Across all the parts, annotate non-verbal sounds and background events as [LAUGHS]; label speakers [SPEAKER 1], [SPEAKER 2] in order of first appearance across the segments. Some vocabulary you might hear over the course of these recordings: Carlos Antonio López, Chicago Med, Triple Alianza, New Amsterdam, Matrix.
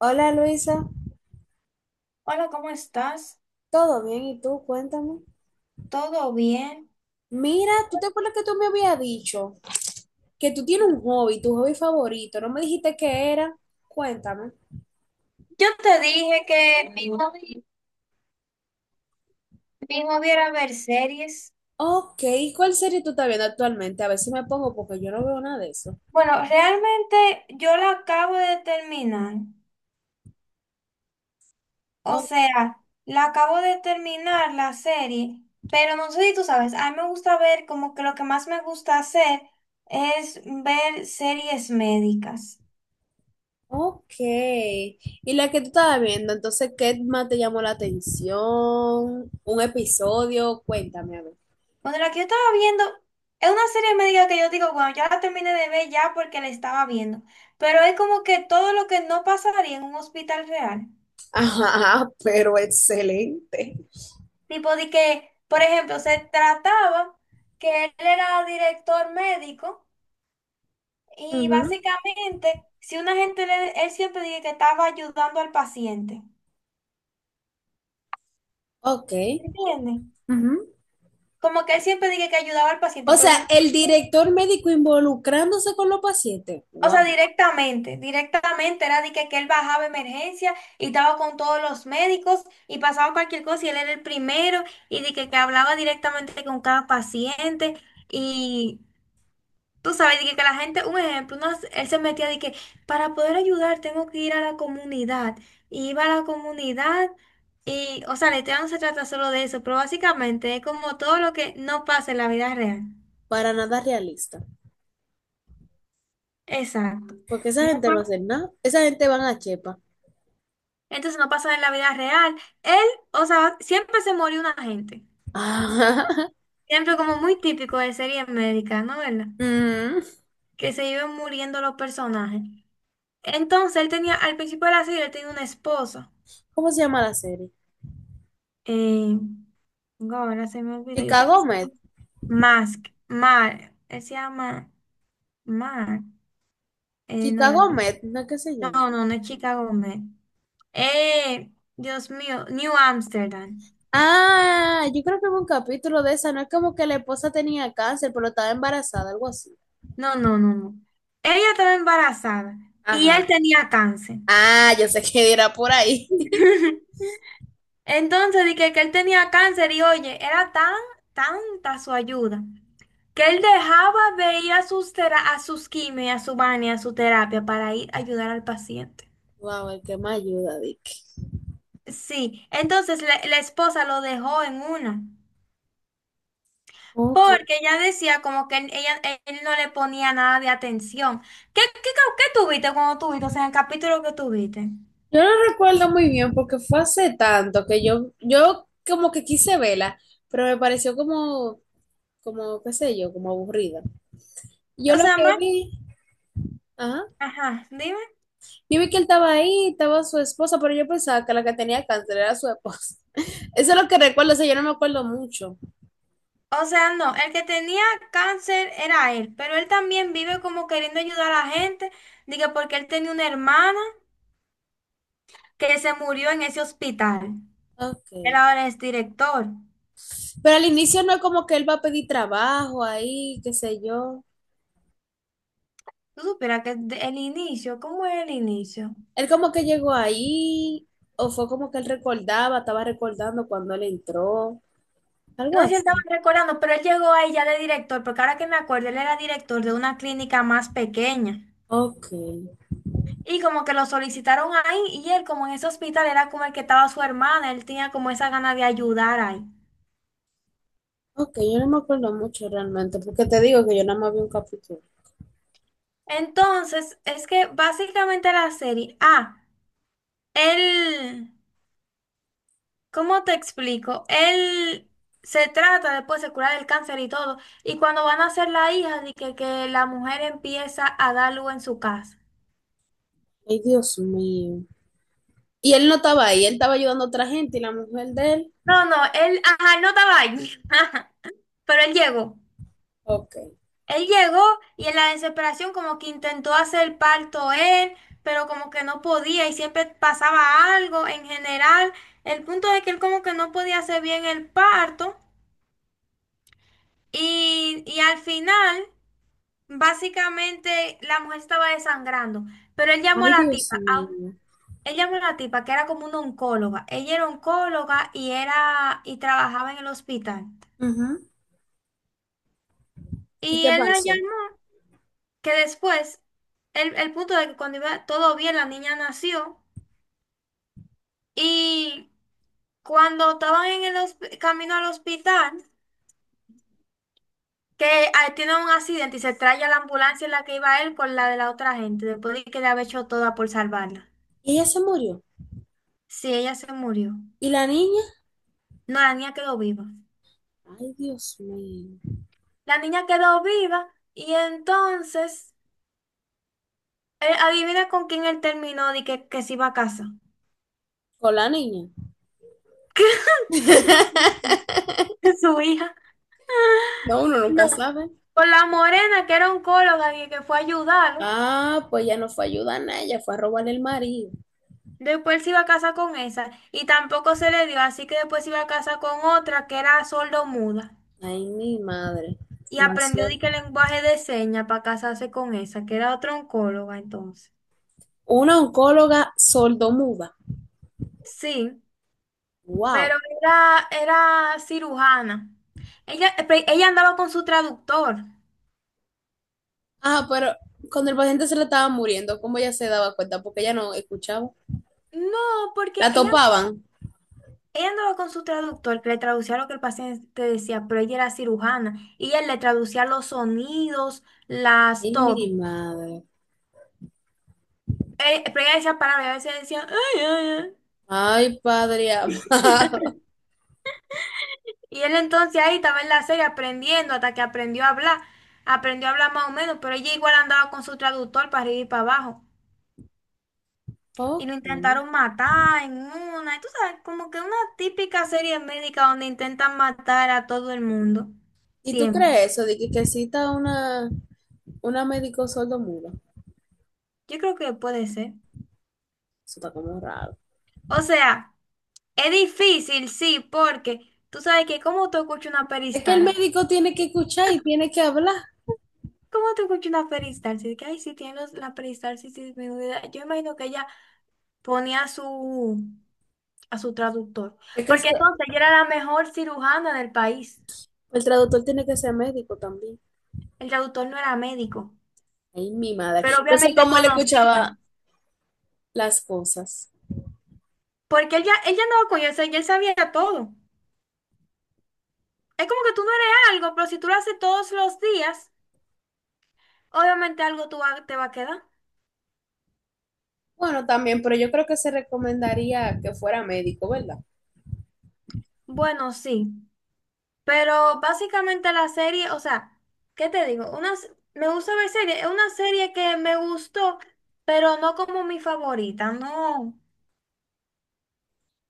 [SPEAKER 1] Hola Luisa,
[SPEAKER 2] Hola, ¿cómo estás?
[SPEAKER 1] ¿todo bien? ¿Y tú? Cuéntame.
[SPEAKER 2] ¿Todo bien?
[SPEAKER 1] Mira, ¿tú te acuerdas que tú me habías dicho que tú tienes un hobby, tu hobby favorito? ¿No me dijiste qué era? Cuéntame.
[SPEAKER 2] Yo te dije que mi hobby era ver series.
[SPEAKER 1] Ok, ¿cuál serie tú estás viendo actualmente? A ver si me pongo porque yo no veo nada de eso.
[SPEAKER 2] Bueno, realmente yo la acabo de terminar. O
[SPEAKER 1] O-
[SPEAKER 2] sea, la acabo de terminar la serie, pero no sé si tú sabes, a mí me gusta ver como que lo que más me gusta hacer es ver series médicas.
[SPEAKER 1] ok, ¿y la que tú estabas viendo? Entonces, ¿qué más te llamó la atención? ¿Un episodio? Cuéntame, a ver.
[SPEAKER 2] Bueno, la que yo estaba viendo es una serie médica que yo digo, bueno, ya la terminé de ver ya porque la estaba viendo. Pero es como que todo lo que no pasaría en un hospital real.
[SPEAKER 1] [LAUGHS] Ajá, pero excelente.
[SPEAKER 2] Tipo de que, por ejemplo, se trataba que él era director médico y
[SPEAKER 1] Ujú.
[SPEAKER 2] básicamente, si una gente, él siempre dije que estaba ayudando al paciente.
[SPEAKER 1] Ok.
[SPEAKER 2] ¿Entiendes?
[SPEAKER 1] Ujú.
[SPEAKER 2] Como que él siempre dije que ayudaba al paciente,
[SPEAKER 1] O sea,
[SPEAKER 2] pero de una.
[SPEAKER 1] el director médico involucrándose con los pacientes,
[SPEAKER 2] O sea,
[SPEAKER 1] guau,
[SPEAKER 2] directamente era de que él bajaba a emergencia y estaba con todos los médicos y pasaba cualquier cosa y él era el primero y de que hablaba directamente con cada paciente y tú sabes, de que la gente, un ejemplo, él se metía de que para poder ayudar tengo que ir a la comunidad y iba a la comunidad y, o sea, la historia no se trata solo de eso, pero básicamente es como todo lo que no pasa en la vida real.
[SPEAKER 1] para nada realista.
[SPEAKER 2] Exacto.
[SPEAKER 1] Porque esa
[SPEAKER 2] No
[SPEAKER 1] gente no
[SPEAKER 2] pasa.
[SPEAKER 1] hace nada. Esa gente van a Chepa.
[SPEAKER 2] Entonces no pasa en la vida real. Él, o sea, siempre se murió una gente.
[SPEAKER 1] Ah,
[SPEAKER 2] Siempre como muy típico de serie médica, ¿no? ¿Verdad?
[SPEAKER 1] [LAUGHS] mm.
[SPEAKER 2] Que se iban muriendo los personajes. Entonces él tenía, al principio de la serie, él tenía una esposa.
[SPEAKER 1] ¿Cómo se llama la serie?
[SPEAKER 2] Eh, no, ahora se me olvidó. Yo sé que
[SPEAKER 1] Chicago
[SPEAKER 2] se
[SPEAKER 1] Med.
[SPEAKER 2] llama Mask. Mar. Él se llama Mar. No, la
[SPEAKER 1] Chicago
[SPEAKER 2] chica-.
[SPEAKER 1] Med, ¿no es que se llama?
[SPEAKER 2] No, no, no es Chica Gómez. Eh, Dios mío, New Amsterdam.
[SPEAKER 1] Ah, yo creo que hubo un capítulo de esa. No es como que la esposa tenía cáncer, pero estaba embarazada, algo así.
[SPEAKER 2] No, no, no, no. Ella estaba embarazada y él
[SPEAKER 1] Ajá.
[SPEAKER 2] tenía cáncer.
[SPEAKER 1] Ah, yo sé que dirá por ahí. [LAUGHS]
[SPEAKER 2] [LAUGHS] Entonces dije que él tenía cáncer y oye, era tan, tanta su ayuda que él dejaba de ir a sus, a sus quimio, y a su baño, y a su terapia para ir a ayudar al paciente.
[SPEAKER 1] Wow, el que me ayuda, Dick.
[SPEAKER 2] Sí, entonces la esposa lo dejó en una,
[SPEAKER 1] Ok.
[SPEAKER 2] porque ella decía como que él, ella, él no le ponía nada de atención. ¿Qué, qué, qué tuviste cuando tuviste? O sea, en el capítulo que tuviste.
[SPEAKER 1] Yo no recuerdo muy bien porque fue hace tanto que yo como que quise verla, pero me pareció como, qué sé yo, como aburrida. Yo
[SPEAKER 2] O
[SPEAKER 1] lo
[SPEAKER 2] sea,
[SPEAKER 1] que
[SPEAKER 2] más,
[SPEAKER 1] vi, ajá,
[SPEAKER 2] ajá, dime.
[SPEAKER 1] yo vi que él estaba ahí, estaba su esposa, pero yo pensaba que la que tenía cáncer era su esposa. [LAUGHS] Eso es lo que recuerdo, o sea, yo no me acuerdo mucho.
[SPEAKER 2] O sea, no, el que tenía cáncer era él, pero él también vive como queriendo ayudar a la gente, diga porque él tenía una hermana que se murió en ese hospital. Él
[SPEAKER 1] Okay.
[SPEAKER 2] ahora es director.
[SPEAKER 1] Pero al inicio no es como que él va a pedir trabajo ahí, qué sé yo.
[SPEAKER 2] Tú supieras que el inicio, ¿cómo es el inicio?
[SPEAKER 1] Él como que llegó ahí, o fue como que él recordaba, estaba recordando cuando él entró, algo
[SPEAKER 2] No sé si él
[SPEAKER 1] así.
[SPEAKER 2] estaba recordando, pero él llegó ahí ya de director, porque ahora que me acuerdo, él era director de una clínica más pequeña.
[SPEAKER 1] Ok.
[SPEAKER 2] Y como que lo solicitaron ahí, y él como en ese hospital era como el que estaba su hermana, él tenía como esa gana de ayudar ahí.
[SPEAKER 1] Ok, yo no me acuerdo mucho realmente, porque te digo que yo nada más vi un capítulo.
[SPEAKER 2] Entonces, es que básicamente la serie, él, ¿cómo te explico? Él se trata después de curar el cáncer y todo, y cuando van a hacer la hija, de que la mujer empieza a dar luz en su casa.
[SPEAKER 1] Ay, Dios mío. Y él no estaba ahí, él estaba ayudando a otra gente y la mujer de él.
[SPEAKER 2] No, no, él, ajá, él no estaba ahí, [LAUGHS] ajá, pero él llegó.
[SPEAKER 1] Ok.
[SPEAKER 2] Él llegó y en la desesperación como que intentó hacer el parto él, pero como que no podía y siempre pasaba algo en general. El punto es que él como que no podía hacer bien el parto. Y al final, básicamente, la mujer estaba desangrando, pero él llamó a
[SPEAKER 1] Ay,
[SPEAKER 2] la
[SPEAKER 1] Dios
[SPEAKER 2] tipa,
[SPEAKER 1] mío.
[SPEAKER 2] él llamó a la tipa que era como una oncóloga. Ella era oncóloga y era y trabajaba en el hospital.
[SPEAKER 1] Ujú. ¿Y
[SPEAKER 2] Y
[SPEAKER 1] qué
[SPEAKER 2] él la
[SPEAKER 1] pasó?
[SPEAKER 2] llamó, que después, el punto de que cuando iba todo bien, la niña nació. Y cuando estaban en el camino al hospital, que tiene un accidente y se trae a la ambulancia en la que iba él con la de la otra gente, después de que le había hecho toda por salvarla.
[SPEAKER 1] Y ella se murió.
[SPEAKER 2] Sí, ella se murió.
[SPEAKER 1] ¿Y la niña?
[SPEAKER 2] No, la niña quedó viva.
[SPEAKER 1] Ay, Dios mío.
[SPEAKER 2] La niña quedó viva y entonces, adivina con quién él terminó de que se iba a casa.
[SPEAKER 1] ¿Con la niña?
[SPEAKER 2] [LAUGHS] ¿Qué? su,
[SPEAKER 1] [LAUGHS]
[SPEAKER 2] su hija.
[SPEAKER 1] No, uno
[SPEAKER 2] No,
[SPEAKER 1] nunca sabe.
[SPEAKER 2] con la morena que era oncóloga y que fue a ayudarlo.
[SPEAKER 1] Ah, pues ya no fue a ayudar a nadie, ella fue a robarle el marido.
[SPEAKER 2] Después se iba a casa con esa y tampoco se le dio, así que después se iba a casa con otra que era sordo-muda.
[SPEAKER 1] Ay, mi madre.
[SPEAKER 2] Y
[SPEAKER 1] Una,
[SPEAKER 2] aprendió de
[SPEAKER 1] suerte.
[SPEAKER 2] que lenguaje de señas para casarse con esa, que era otra oncóloga entonces.
[SPEAKER 1] Una oncóloga sordomuda.
[SPEAKER 2] Sí.
[SPEAKER 1] Wow.
[SPEAKER 2] Pero era, era cirujana. Ella, ella andaba con su traductor.
[SPEAKER 1] Ah, pero cuando el paciente se le estaba muriendo, ¿cómo ella se daba cuenta? Porque ella no escuchaba.
[SPEAKER 2] No, porque
[SPEAKER 1] La
[SPEAKER 2] ella,
[SPEAKER 1] topaban.
[SPEAKER 2] ella andaba con su traductor, que le traducía lo que el paciente decía, pero ella era cirujana y él le traducía los sonidos, las,
[SPEAKER 1] Ay, mi
[SPEAKER 2] todo.
[SPEAKER 1] madre.
[SPEAKER 2] Pero ella decía palabras, y a veces decía, "Ay, ay, ay".
[SPEAKER 1] Ay, padre amado. [LAUGHS]
[SPEAKER 2] Y él entonces ahí estaba en la serie aprendiendo hasta que aprendió a hablar. Aprendió a hablar más o menos, pero ella igual andaba con su traductor para arriba y para abajo. Y
[SPEAKER 1] Ok.
[SPEAKER 2] lo intentaron matar en una, y tú sabes, como que una típica serie médica donde intentan matar a todo el mundo,
[SPEAKER 1] ¿Y tú
[SPEAKER 2] siempre.
[SPEAKER 1] crees eso de que cita una médico sordomuda?
[SPEAKER 2] Yo creo que puede ser.
[SPEAKER 1] Eso está como raro.
[SPEAKER 2] O sea, es difícil, sí, porque tú sabes que cómo tú escuchas una
[SPEAKER 1] Es que el
[SPEAKER 2] peristalsis,
[SPEAKER 1] médico tiene que escuchar y tiene que hablar.
[SPEAKER 2] ¿cómo tú escuchas una peristalsis? De que ay, si tiene la peristalsis disminuida, yo imagino que ella ponía a su traductor,
[SPEAKER 1] Es que se-
[SPEAKER 2] porque entonces ella era la mejor cirujana del país,
[SPEAKER 1] el traductor tiene que ser médico también.
[SPEAKER 2] el traductor no era médico,
[SPEAKER 1] Ay, mi madre.
[SPEAKER 2] pero
[SPEAKER 1] Yo sé
[SPEAKER 2] obviamente
[SPEAKER 1] cómo él
[SPEAKER 2] conocía.
[SPEAKER 1] escuchaba las cosas.
[SPEAKER 2] Porque él ya andaba con eso y él sabía todo. Es como que tú no eres algo, pero si tú lo haces todos los días, obviamente algo te va a quedar.
[SPEAKER 1] Bueno, también, pero yo creo que se recomendaría que fuera médico, ¿verdad?
[SPEAKER 2] Bueno, sí. Pero básicamente la serie, o sea, ¿qué te digo? Unas, me gusta ver series. Es una serie que me gustó, pero no como mi favorita, no.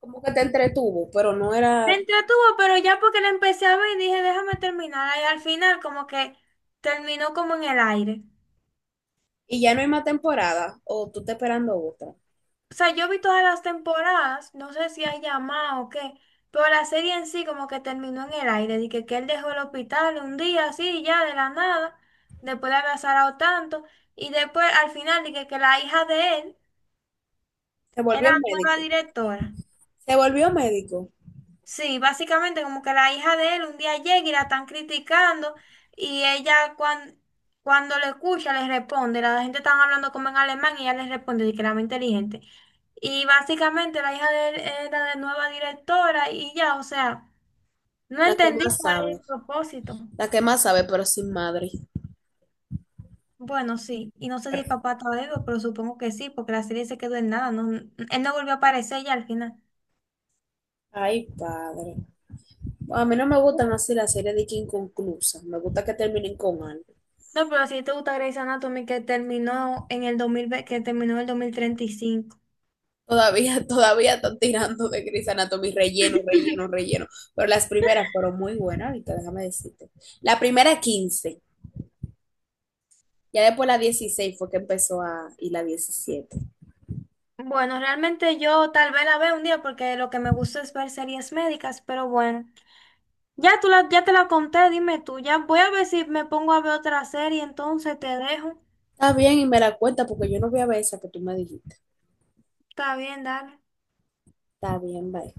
[SPEAKER 1] Como que te entretuvo, pero no
[SPEAKER 2] Me
[SPEAKER 1] era,
[SPEAKER 2] entretuvo, pero ya porque la empecé a ver, dije, déjame terminar. Y al final como que terminó como en el aire.
[SPEAKER 1] y ya no hay más temporada, o tú estás esperando otra.
[SPEAKER 2] O sea, yo vi todas las temporadas, no sé si hay llamado o qué, pero la serie en sí como que terminó en el aire, de que él dejó el hospital un día así, ya de la nada, después de haber azarado tanto, y después al final dije que la hija de él
[SPEAKER 1] Se volvió
[SPEAKER 2] era la nueva
[SPEAKER 1] médico,
[SPEAKER 2] directora.
[SPEAKER 1] se volvió médico,
[SPEAKER 2] Sí, básicamente como que la hija de él un día llega y la están criticando y ella cuando le escucha le responde, la gente están hablando como en alemán y ella le responde de que era muy inteligente. Y básicamente la hija de él era de nueva directora y ya, o sea, no
[SPEAKER 1] la que
[SPEAKER 2] entendí
[SPEAKER 1] más
[SPEAKER 2] cuál es
[SPEAKER 1] sabe,
[SPEAKER 2] el propósito.
[SPEAKER 1] la que más sabe, pero sin madre.
[SPEAKER 2] Bueno, sí, y no sé si el papá está vivo, pero supongo que sí, porque la serie se quedó en nada, no, él no volvió a aparecer ya al final.
[SPEAKER 1] Ay, padre. A mí no me gustan así las series de que inconclusas, me gusta que terminen con algo.
[SPEAKER 2] No, pero si te gusta Grey's Anatomy que terminó en el dos mil ve que terminó en el 2035.
[SPEAKER 1] Todavía, [LAUGHS] todavía están tirando de Grey's Anatomy, relleno, relleno,
[SPEAKER 2] [LAUGHS]
[SPEAKER 1] relleno. Pero las primeras fueron muy buenas, ahorita déjame decirte. La primera 15, ya después la 16 fue que empezó a, y la 17.
[SPEAKER 2] Bueno, realmente yo tal vez la vea un día porque lo que me gusta es ver series médicas, pero bueno. Ya ya te la conté, dime tú. Ya voy a ver si me pongo a ver otra serie, entonces te dejo.
[SPEAKER 1] Está bien y me la cuenta porque yo no voy a ver esa que tú me dijiste.
[SPEAKER 2] Está bien, dale.
[SPEAKER 1] Está bien, bye.